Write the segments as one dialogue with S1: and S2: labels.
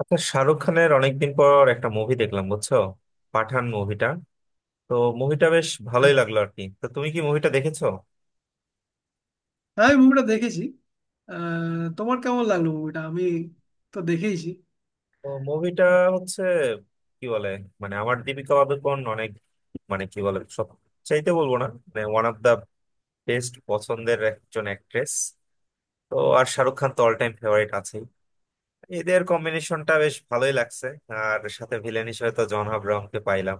S1: আচ্ছা, শাহরুখ খানের অনেকদিন পর একটা মুভি দেখলাম, বুঝছো? পাঠান মুভিটা। তো মুভিটা বেশ ভালোই
S2: হ্যাঁ,
S1: লাগলো আর কি। তো তুমি কি মুভিটা দেখেছো?
S2: হ্যাঁ, আমি মুভিটা দেখেছি। তোমার কেমন লাগলো? মুভিটা আমি তো দেখেইছি।
S1: তো মুভিটা হচ্ছে কি বলে, মানে আমার দীপিকা পাদুকোন অনেক, মানে কি বলে সব চাইতে বলবো না, মানে ওয়ান অফ দা বেস্ট পছন্দের একজন অ্যাক্ট্রেস। তো আর শাহরুখ খান তো অল টাইম ফেভারিট আছেই। এদের কম্বিনেশনটা বেশ ভালোই লাগছে। আর সাথে ভিলেন হিসেবে তো জন আব্রাহামকে পাইলাম।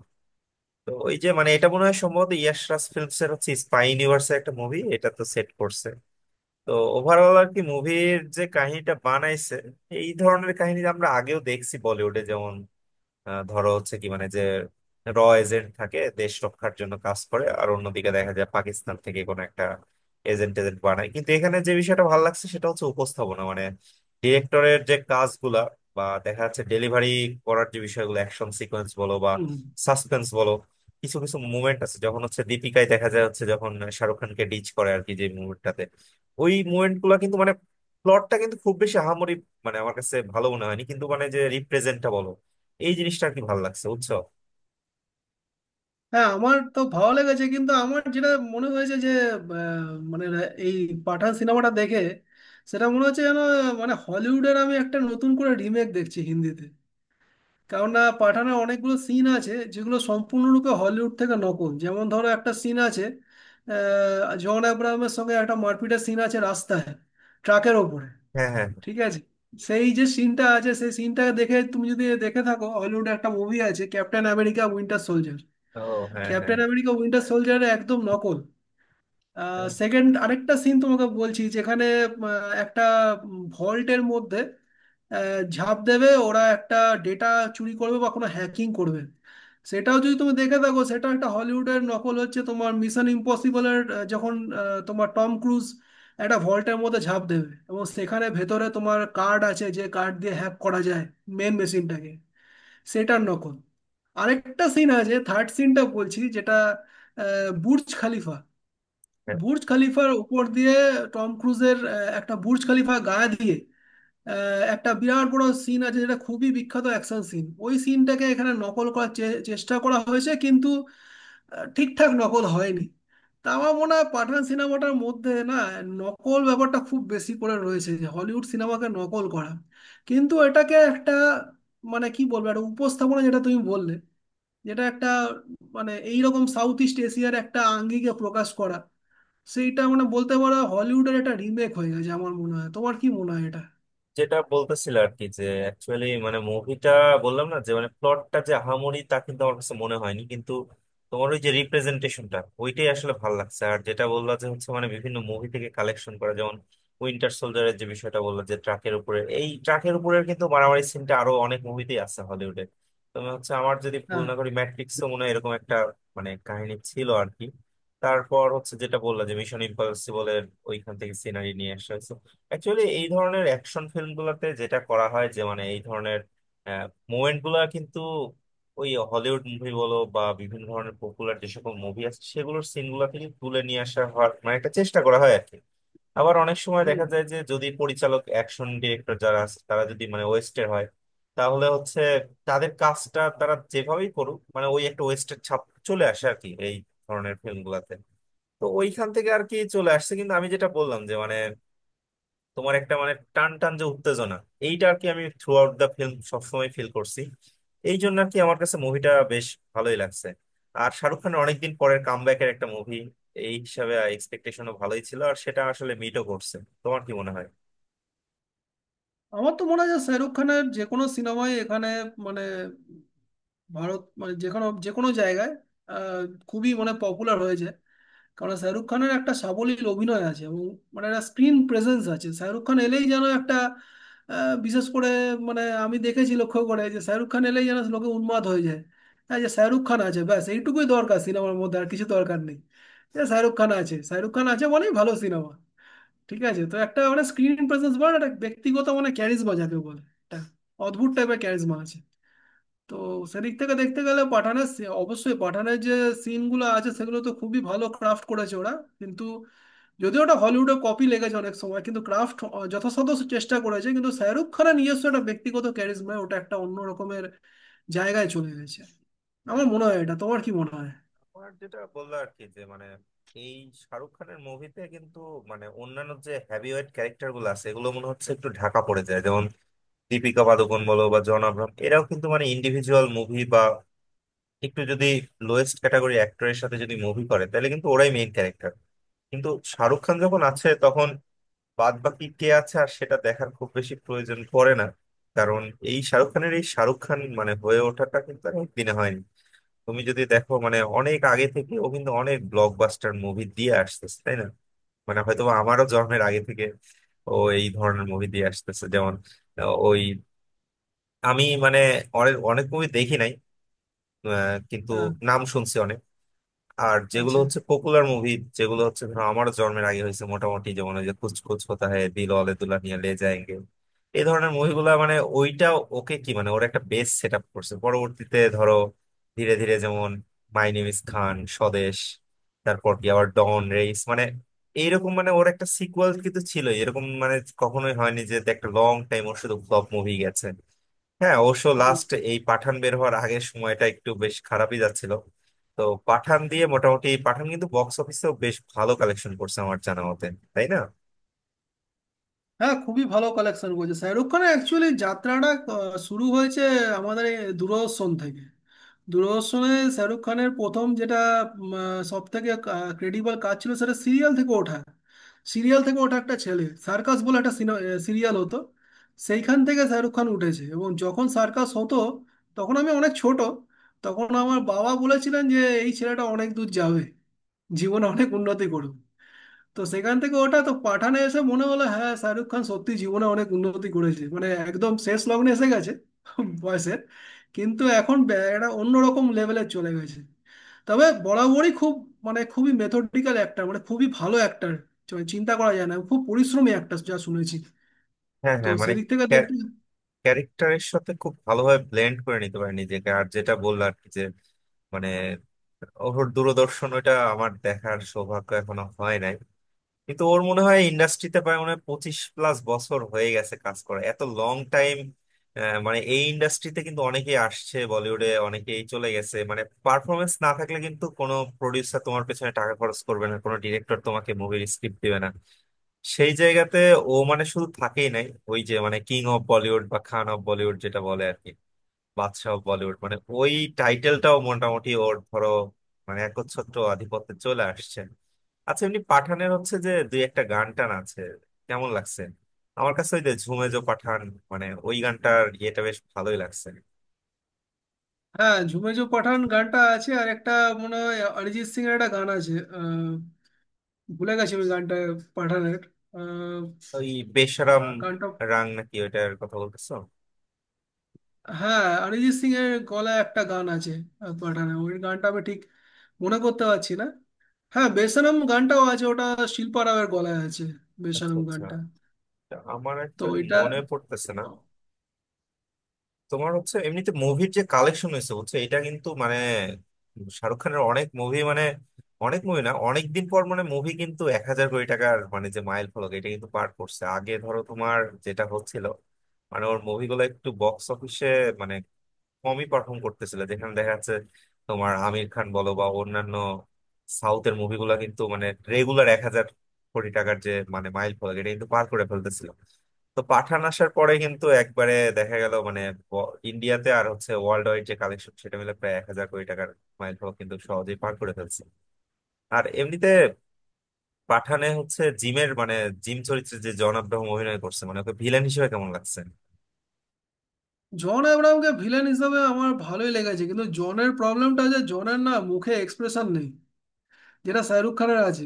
S1: তো ওই যে মানে এটা মনে হয় সম্ভবত ইয়াশ রাজ ফিল্মস এর হচ্ছে স্পাই ইউনিভার্সের একটা মুভি, এটা তো সেট করছে। তো ওভারঅল আর কি মুভির যে কাহিনীটা বানাইছে, এই ধরনের কাহিনী আমরা আগেও দেখছি বলিউডে, যেমন ধরো হচ্ছে কি মানে যে র এজেন্ট থাকে, দেশ রক্ষার জন্য কাজ করে, আর অন্যদিকে দেখা যায় পাকিস্তান থেকে কোনো একটা এজেন্ট এজেন্ট বানায়। কিন্তু এখানে যে বিষয়টা ভালো লাগছে সেটা হচ্ছে উপস্থাপনা, মানে ডিরেক্টরের যে কাজগুলা বা দেখা যাচ্ছে ডেলিভারি করার যে বিষয়গুলো অ্যাকশন সিকোয়েন্স বলো বা
S2: হুম।
S1: সাসপেন্স বলো। কিছু কিছু মুভমেন্ট আছে যখন হচ্ছে দীপিকায় দেখা যায় হচ্ছে যখন শাহরুখ খানকে ডিচ করে আর কি, যে মুভমেন্টটাতে ওই মুভমেন্ট গুলা কিন্তু মানে প্লটটা কিন্তু খুব বেশি আহামরি মানে আমার কাছে ভালো মনে হয়নি, কিন্তু মানে যে রিপ্রেজেন্টটা বলো এই জিনিসটা আর কি ভালো লাগছে, বুঝছো?
S2: হ্যাঁ, আমার তো ভালো লেগেছে, কিন্তু আমার যেটা মনে হয়েছে যে আহ, মানে এই পাঠান সিনেমাটা দেখে সেটা মনে হচ্ছে যেন মানে হলিউডের আমি একটা নতুন করে রিমেক দেখছি হিন্দিতে। কারণ না পাঠানের অনেকগুলো সিন আছে যেগুলো সম্পূর্ণরূপে হলিউড থেকে নকল। যেমন ধরো, একটা সিন আছে, জন আব্রাহামের সঙ্গে একটা মারপিটের সিন আছে রাস্তায়, ট্রাকের ওপরে,
S1: হ্যাঁ হ্যাঁ।
S2: ঠিক আছে? সেই যে সিনটা আছে, সেই সিনটা দেখে, তুমি যদি দেখে থাকো হলিউডে একটা মুভি আছে, ক্যাপ্টেন আমেরিকা উইন্টার সোলজার।
S1: ও, হ্যাঁ হ্যাঁ।
S2: ক্যাপ্টেন আমেরিকা উইন্টার সোলজার, একদম নকল।
S1: হ্যাঁ,
S2: সেকেন্ড আরেকটা সিন তোমাকে বলছি, যেখানে আহ, একটা ভল্টের মধ্যে ঝাঁপ দেবে ওরা, একটা ডেটা চুরি করবে বা কোনো হ্যাকিং করবে। সেটাও যদি তুমি দেখে থাকো, সেটা একটা হলিউডের নকল, হচ্ছে তোমার মিশন ইম্পসিবলের। যখন তোমার টম ক্রুজ একটা ভল্টের মধ্যে ঝাঁপ দেবে এবং সেখানে ভেতরে তোমার কার্ড আছে, যে কার্ড দিয়ে হ্যাক করা যায় মেন মেশিনটাকে, সেটার নকল। আরেকটা সিন আছে, থার্ড সিনটা বলছি, যেটা বুর্জ খালিফা, বুর্জ খলিফার উপর দিয়ে টম ক্রুজের একটা বুর্জ খলিফা গায়ে দিয়ে একটা বিরাট বড় সিন আছে যেটা খুবই বিখ্যাত অ্যাকশন সিন। ওই সিনটাকে এখানে নকল করার চেষ্টা করা হয়েছে, কিন্তু ঠিকঠাক নকল হয়নি। তা আমার মনে হয় পাঠান সিনেমাটার মধ্যে না, নকল ব্যাপারটা খুব বেশি করে রয়েছে, যে হলিউড সিনেমাকে নকল করা। কিন্তু এটাকে একটা মানে কি বলবো, একটা উপস্থাপনা যেটা তুমি বললে, যেটা একটা মানে এইরকম সাউথ ইস্ট এশিয়ার একটা আঙ্গিকে প্রকাশ করা, সেইটা মানে বলতে পারো হলিউডের একটা রিমেক হয়ে গেছে। আমার মনে হয় তোমার কি মনে হয়? এটা
S1: যেটা বলতেছিল আর কি যে অ্যাকচুয়ালি মানে মুভিটা, বললাম না যে মানে প্লটটা যে আহামরি তা কিন্তু আমার কাছে মনে হয়নি, কিন্তু তোমার ওই যে রিপ্রেজেন্টেশনটা ওইটাই আসলে ভালো লাগছে। আর যেটা বললা যে হচ্ছে মানে বিভিন্ন মুভি থেকে কালেকশন করা, যেমন উইন্টার সোলজারের যে বিষয়টা বললা, যে ট্রাকের উপরে, এই ট্রাকের উপরে কিন্তু মারামারি সিনটা আরো অনেক মুভিতেই আছে হলিউডে। তুমি হচ্ছে আমার যদি ভুল
S2: হ্যাঁ।
S1: না করি ম্যাট্রিক্সও মনে হয় এরকম একটা মানে কাহিনী ছিল আর কি। তারপর হচ্ছে যেটা বললা যে মিশন ইম্পসিবল এর ওইখান থেকে সিনারি নিয়ে আসা হয়েছে। অ্যাকচুয়ালি এই ধরনের অ্যাকশন ফিল্মগুলোতে যেটা করা হয় যে মানে এই ধরনের মোমেন্ট গুলা কিন্তু ওই হলিউড মুভি বলো বা বিভিন্ন ধরনের পপুলার যে সকল মুভি আছে সেগুলোর সিন গুলা থেকে তুলে নিয়ে আসা হওয়ার মানে একটা চেষ্টা করা হয় আর কি। আবার অনেক সময়
S2: হুম।
S1: দেখা যায় যে যদি পরিচালক, অ্যাকশন ডিরেক্টর যারা আছে, তারা যদি মানে ওয়েস্টের হয়, তাহলে হচ্ছে তাদের কাজটা তারা যেভাবেই করুক, মানে ওই একটা ওয়েস্টের ছাপ চলে আসে আর কি এই ধরনের ফিল্মগুলাতে। তো ওইখান থেকে আর কি চলে আসছে। কিন্তু আমি যেটা বললাম, তোমার একটা মানে টান টান যে উত্তেজনা, এইটা আর কি আমি থ্রু আউট দ্য ফিল্ম সবসময় ফিল করছি। এই জন্য আর কি আমার কাছে মুভিটা বেশ ভালোই লাগছে। আর শাহরুখ খানের অনেকদিন পরের কামব্যাকের একটা মুভি এই হিসাবে এক্সপেকটেশনও ভালোই ছিল, আর সেটা আসলে মিটও করছে। তোমার কি মনে হয়?
S2: আমার তো মনে হয় যে শাহরুখ খানের যে কোনো সিনেমায় এখানে মানে ভারত মানে যে কোনো জায়গায় আহ, খুবই মানে পপুলার হয়েছে। কারণ শাহরুখ খানের একটা সাবলীল অভিনয় আছে এবং মানে একটা স্ক্রিন প্রেজেন্স আছে। শাহরুখ খান এলেই যেন একটা বিশেষ করে মানে আমি দেখেছি লক্ষ্য করে যে শাহরুখ খান এলেই যেন লোকে উন্মাদ হয়ে যায়। হ্যাঁ, যে শাহরুখ খান আছে ব্যাস এইটুকুই দরকার, সিনেমার মধ্যে আর কিছু দরকার নেই। যে শাহরুখ খান আছে, শাহরুখ খান আছে মানেই ভালো সিনেমা, ঠিক আছে। তো একটা মানে স্ক্রিন প্রেজেন্স বলে একটা ব্যক্তিগত মানে ক্যারিজমা যাকে বলে, একটা অদ্ভুত টাইপের ক্যারিজমা আছে। তো সেদিক থেকে দেখতে গেলে পাঠানের অবশ্যই পাঠানের যে সিনগুলো আছে সেগুলো তো খুবই ভালো ক্রাফট করেছে ওরা। কিন্তু, যদিও ওটা হলিউডে কপি লেগেছে অনেক সময়, কিন্তু ক্রাফট যথাসাধ্য চেষ্টা করেছে, কিন্তু শাহরুখ খানের নিজস্ব একটা ব্যক্তিগত ক্যারিজমায় ওটা একটা অন্য রকমের জায়গায় চলে গেছে। আমার
S1: হ্যাঁ।
S2: মনে হয় এটা। তোমার কি মনে হয়?
S1: আমার যেটা বললো আর কি যে মানে এই শাহরুখ খানের মুভিতে কিন্তু মানে অন্যান্য যে হ্যাভিওয়েট ক্যারেক্টার গুলো আছে এগুলো মনে হচ্ছে একটু ঢাকা পড়ে যায়, যেমন দীপিকা পাদুকোন বলো বা জন আব্রাহাম, এরাও কিন্তু মানে ইন্ডিভিজুয়াল মুভি বা একটু যদি লোয়েস্ট ক্যাটাগরি অ্যাক্টরের সাথে যদি মুভি করে তাহলে কিন্তু ওরাই মেইন ক্যারেক্টার। কিন্তু শাহরুখ খান যখন আছে তখন বাদ বাকি কে আছে আর সেটা দেখার খুব বেশি প্রয়োজন পড়ে না। কারণ এই শাহরুখ খানের এই শাহরুখ খান মানে হয়ে ওঠাটা কিন্তু অনেক দিনে হয়নি। তুমি যদি দেখো মানে অনেক আগে থেকে ও কিন্তু অনেক ব্লকবাস্টার মুভি দিয়ে আসতেছে, তাই না? মানে হয়তো বা আমারও জন্মের আগে থেকে ও এই ধরনের মুভি দিয়ে আসতেছে, যেমন ওই, আমি মানে অনেক অনেক মুভি দেখি নাই, কিন্তু
S2: হ্যাঁ।
S1: নাম শুনছি অনেক। আর যেগুলো
S2: আচ্ছা।
S1: হচ্ছে পপুলার মুভি, যেগুলো হচ্ছে ধরো আমার জন্মের আগে হয়েছে মোটামুটি, যেমন ওই যে কুছ কুছ হোতা হ্যায়, দিল ওয়ালে দুলহানিয়া লে যায়েঙ্গে, এই ধরনের মুভিগুলো মানে ওইটা ওকে কি মানে ওর একটা বেস সেট আপ করছে, পরবর্তীতে ধরো ধীরে ধীরে, যেমন my name is Khan, Swades, তারপর কি আবার ডন, রেইস, মানে এইরকম মানে ওর একটা সিকুয়েল কিন্তু ছিল, এরকম মানে কখনোই হয়নি যে একটা লং টাইম ওর শুধু ফ্লপ মুভি গেছে। হ্যাঁ, অবশ্য লাস্ট এই পাঠান বের হওয়ার আগের সময়টা একটু বেশ খারাপই যাচ্ছিল। তো পাঠান দিয়ে মোটামুটি, পাঠান কিন্তু বক্স অফিসেও বেশ ভালো কালেকশন করছে আমার জানা মতে, তাই না?
S2: হ্যাঁ, খুবই ভালো কালেকশন করেছে। শাহরুখ খানের অ্যাকচুয়ালি যাত্রাটা শুরু হয়েছে আমাদের এই দূরদর্শন থেকে। দূরদর্শনে শাহরুখ খানের প্রথম যেটা সব থেকে ক্রেডিবল কাজ ছিল, সেটা সিরিয়াল থেকে ওঠা। একটা ছেলে, সার্কাস বলে একটা সিরিয়াল হতো, সেইখান থেকে শাহরুখ খান উঠেছে। এবং যখন সার্কাস হতো তখন আমি অনেক ছোট। তখন আমার বাবা বলেছিলেন যে এই ছেলেটা অনেক দূর যাবে, জীবনে অনেক উন্নতি করবে। তো সেখান থেকে ওটা তো পাঠানে এসে মনে হলো হ্যাঁ, শাহরুখ খান সত্যি জীবনে অনেক উন্নতি করেছে, মানে একদম শেষ লগ্নে এসে গেছে বয়সের, কিন্তু এখন একটা অন্যরকম লেভেলে চলে গেছে। তবে বরাবরই খুব মানে খুবই মেথডিক্যাল অ্যাক্টর, মানে খুবই ভালো অ্যাক্টর, চিন্তা করা যায় না, খুব পরিশ্রমী অ্যাক্টর, যা শুনেছি।
S1: হ্যাঁ
S2: তো
S1: হ্যাঁ, মানে
S2: সেদিক থেকে দেখতে।
S1: ক্যারেক্টারের সাথে খুব ভালোভাবে ব্লেন্ড করে নিতে পারে নিজেকে। আর যেটা বললো আর কি যে মানে ওর দূরদর্শন ওটা আমার দেখার সৌভাগ্য এখনো হয় নাই, কিন্তু ওর মনে হয় ইন্ডাস্ট্রিতে প্রায় মনে হয় 25+ বছর হয়ে গেছে কাজ করা, এত লং টাইম। মানে এই ইন্ডাস্ট্রিতে কিন্তু অনেকেই আসছে বলিউডে, অনেকেই চলে গেছে, মানে পারফরমেন্স না থাকলে কিন্তু কোনো প্রডিউসার তোমার পেছনে টাকা খরচ করবে না, কোনো ডিরেক্টর তোমাকে মুভির স্ক্রিপ্ট দিবে না। সেই জায়গাতে ও মানে শুধু থাকেই নাই, ওই যে মানে কিং অফ বলিউড বা খান অফ বলিউড যেটা বলে আর কি, বাদশা অফ বলিউড, মানে ওই টাইটেলটাও মোটামুটি ওর ধরো মানে একচ্ছত্র আধিপত্যে চলে আসছে। আচ্ছা, এমনি পাঠানের হচ্ছে যে দুই একটা গান টান আছে, কেমন লাগছে? আমার কাছে ওই যে ঝুমে জো পাঠান, মানে ওই গানটার ইয়েটা বেশ ভালোই লাগছে।
S2: হ্যাঁ, ঝুমে জো পাঠান গানটা আছে, আর একটা মনে হয় অরিজিৎ সিং এর একটা গান আছে। ভুলে গেছি আমি গানটা পাঠানের। আহ,
S1: ওই বেশরম
S2: গানটা
S1: রাং নাকি, ওইটার কথা বলতেছো?
S2: হ্যাঁ, অরিজিৎ সিং এর গলায় একটা গান আছে। পাঠানে ওই গানটা আমি ঠিক মনে করতে পারছি না। হ্যাঁ, বেসনম গানটাও আছে। ওটা শিল্পা রাওয়ের গলায় আছে,
S1: আচ্ছা
S2: বেসনম
S1: আচ্ছা।
S2: গানটা।
S1: তা আমার
S2: তো
S1: অ্যাকচুয়ালি
S2: ওইটা।
S1: মনে পড়তেছে না। তোমার হচ্ছে এমনিতে মুভির যে কালেকশন হয়েছে বুঝছো, এটা কিন্তু মানে শাহরুখ খানের অনেক মুভি, মানে অনেক মুভি না, অনেকদিন পর মানে মুভি কিন্তু 1,000 কোটি টাকার মানে যে মাইল ফলক এটা কিন্তু পার করছে। আগে ধরো তোমার যেটা হচ্ছিল মানে ওর মুভিগুলো একটু বক্স অফিসে মানে কমই পারফর্ম করতেছিল, যেখানে দেখা যাচ্ছে তোমার আমির খান বলো বা অন্যান্য সাউথের মুভিগুলা কিন্তু মানে রেগুলার 1,000 কোটি টাকার যে মানে মাইল ফলক এটা কিন্তু পার করে ফেলতেছিল। তো পাঠান আসার পরে কিন্তু একবারে দেখা গেল মানে ইন্ডিয়াতে আর হচ্ছে ওয়ার্ল্ড ওয়াইড যে কালেকশন সেটা মিলে প্রায় 1,000 কোটি টাকার মাইল ফলক কিন্তু সহজেই পার করে ফেলছে। আর এমনিতে পাঠানে হচ্ছে জিমের মানে জিম চরিত্রে যে জন আব্রাহাম অভিনয় করছে, মানে ওকে ভিলেন হিসেবে কেমন লাগছে?
S2: জন আব্রাহামকে ভিলেন হিসাবে আমার ভালোই লেগেছে, কিন্তু জনের প্রবলেমটা যে জনের না মুখে এক্সপ্রেশন নেই, যেটা শাহরুখ খানের আছে।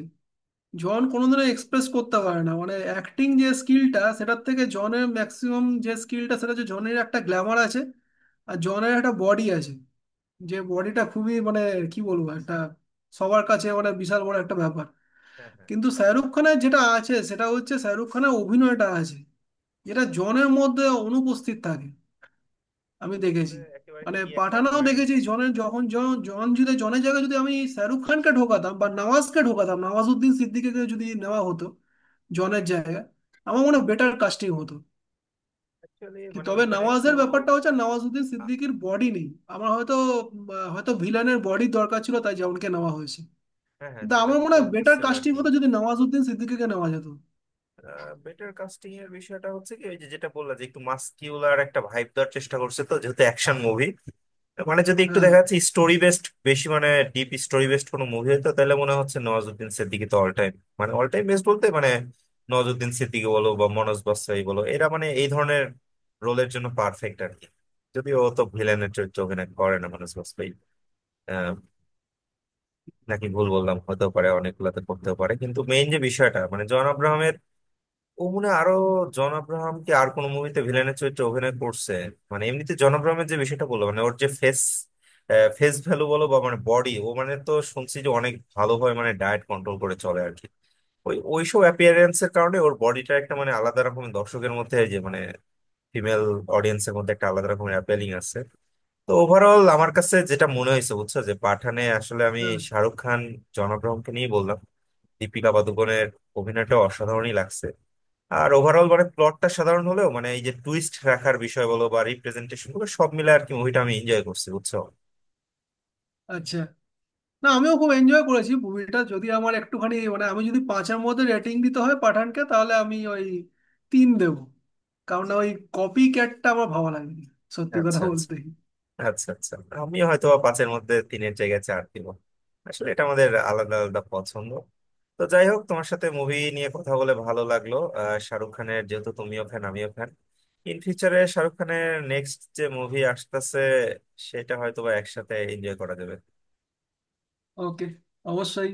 S2: জন কোনোদিনও এক্সপ্রেস করতে পারে না। মানে অ্যাক্টিং যে স্কিলটা, সেটার থেকে জনের ম্যাক্সিমাম যে স্কিলটা, সেটা হচ্ছে জনের একটা গ্ল্যামার আছে, আর জনের একটা বডি আছে, যে বডিটা খুবই মানে কি বলবো, একটা সবার কাছে মানে বিশাল বড় একটা ব্যাপার।
S1: হ্যাঁ হ্যাঁ,
S2: কিন্তু শাহরুখ খানের যেটা আছে, সেটা হচ্ছে শাহরুখ খানের অভিনয়টা আছে, যেটা জনের মধ্যে অনুপস্থিত থাকে। আমি দেখেছি
S1: একেবারে
S2: মানে
S1: কি একটা
S2: পাঠানও
S1: পয়েন্ট।
S2: দেখেছি জনের, যখন জন জন যদি জনের জায়গায় যদি আমি শাহরুখ খানকে ঢোকাতাম বা নওয়াজকে ঢোকাতাম, নওয়াজুদ্দিন সিদ্দিকীকে যদি নেওয়া হতো জনের জায়গায়, আমার মনে হয় বেটার কাস্টিং হতো।
S1: অ্যাকচুয়ালি মানে
S2: তবে
S1: ওইখানে একটু
S2: নওয়াজের ব্যাপারটা হচ্ছে নওয়াজুদ্দিন
S1: আ-
S2: সিদ্দিকীর বডি নেই। আমার হয়তো হয়তো ভিলানের বডি দরকার ছিল, তাই যেমনকে নেওয়া হয়েছে।
S1: হ্যাঁ হ্যাঁ,
S2: কিন্তু
S1: যেটা
S2: আমার মনে হয় বেটার
S1: বলতেছিল আর
S2: কাস্টিং
S1: কি,
S2: হতো যদি নওয়াজুদ্দিন সিদ্দিকীকে নেওয়া যেত।
S1: বেটার কাস্টিং এর বিষয়টা হচ্ছে কি ওই যে যেটা বললা যে একটু মাস্কিউলার একটা ভাইব দেওয়ার চেষ্টা করছে, তো যেহেতু অ্যাকশন মুভি, মানে যদি একটু
S2: হ্যাঁ,
S1: দেখা যাচ্ছে স্টোরি বেসড বেশি, মানে ডিপ স্টোরি বেসড কোনো মুভি হতো, তাহলে মনে হচ্ছে নওয়াজুদ্দিন সিদ্দিকী তো অল টাইম মানে অল টাইম বেস্ট বলতে মানে নওয়াজুদ্দিন সিদ্দিকী বলো বা মনোজ বাসাই বলো, এরা মানে এই ধরনের রোলের জন্য পারফেক্ট আর কি। যদিও ও তো ভিলেনের চরিত্র অভিনয় করে না মনোজ বাজপেয়ী, নাকি ভুল বললাম, হতেও পারে, অনেকগুলাতে করতেও পারে। কিন্তু মেইন যে বিষয়টা মানে জন আব্রাহামের, ও মনে হয় আরো, জন আব্রাহাম কি আর কোনো মুভিতে ভিলেনের চরিত্রে অভিনয় করছে? মানে এমনিতে জন আব্রাহামের যে বিষয়টা বললো মানে ওর যে ফেস ফেস ভ্যালু বলো বা মানে বডি, ও মানে তো শুনছি যে অনেক ভালোভাবে মানে ডায়েট কন্ট্রোল করে চলে আর কি। ওই ওইসব অ্যাপিয়ারেন্স এর কারণে ওর বডিটা একটা মানে আলাদা রকমের দর্শকের মধ্যে, এই যে মানে ফিমেল অডিয়েন্সের মধ্যে একটা আলাদা রকমের অ্যাপিলিং আছে। তো ওভারঅল আমার কাছে যেটা মনে হয়েছে বুঝছো যে পাঠানে আসলে আমি
S2: হ্যাঁ।
S1: শাহরুখ খান, জনগ্রহণকে নিয়ে বললাম, দীপিকা পাদুকোনের অভিনয়টা অসাধারণই লাগছে। আর ওভারঅল মানে প্লটটা সাধারণ হলেও মানে এই যে টুইস্ট রাখার বিষয় বলো বা রিপ্রেজেন্টেশন গুলো সব মিলে আর কি মুভিটা আমি এনজয় করছি, বুঝছো?
S2: আচ্ছা। না, আমিও খুব এনজয় করেছি মুভিটা। যদি আমার একটুখানি মানে আমি যদি 5-এর মধ্যে রেটিং দিতে হয় পাঠানকে, তাহলে আমি ওই 3 দেবো। কারণ না ওই কপি ক্যাটটা আমার ভালো লাগেনি, সত্যি কথা
S1: আচ্ছা আচ্ছা।
S2: বলতে।
S1: আচ্ছা আচ্ছা। আমি হয়তো বা পাঁচের মধ্যে তিনের জায়গায় চার দিব। আসলে এটা আমাদের আলাদা আলাদা পছন্দ। তো যাই হোক, তোমার সাথে মুভি নিয়ে কথা বলে ভালো লাগলো। শাহরুখ খানের যেহেতু তুমিও ফ্যান, আমিও ফ্যান, ইন ফিউচারে শাহরুখ খানের নেক্সট যে মুভি আসতেছে সেটা হয়তো বা একসাথে এনজয় করা যাবে।
S2: ওকে। অবশ্যই।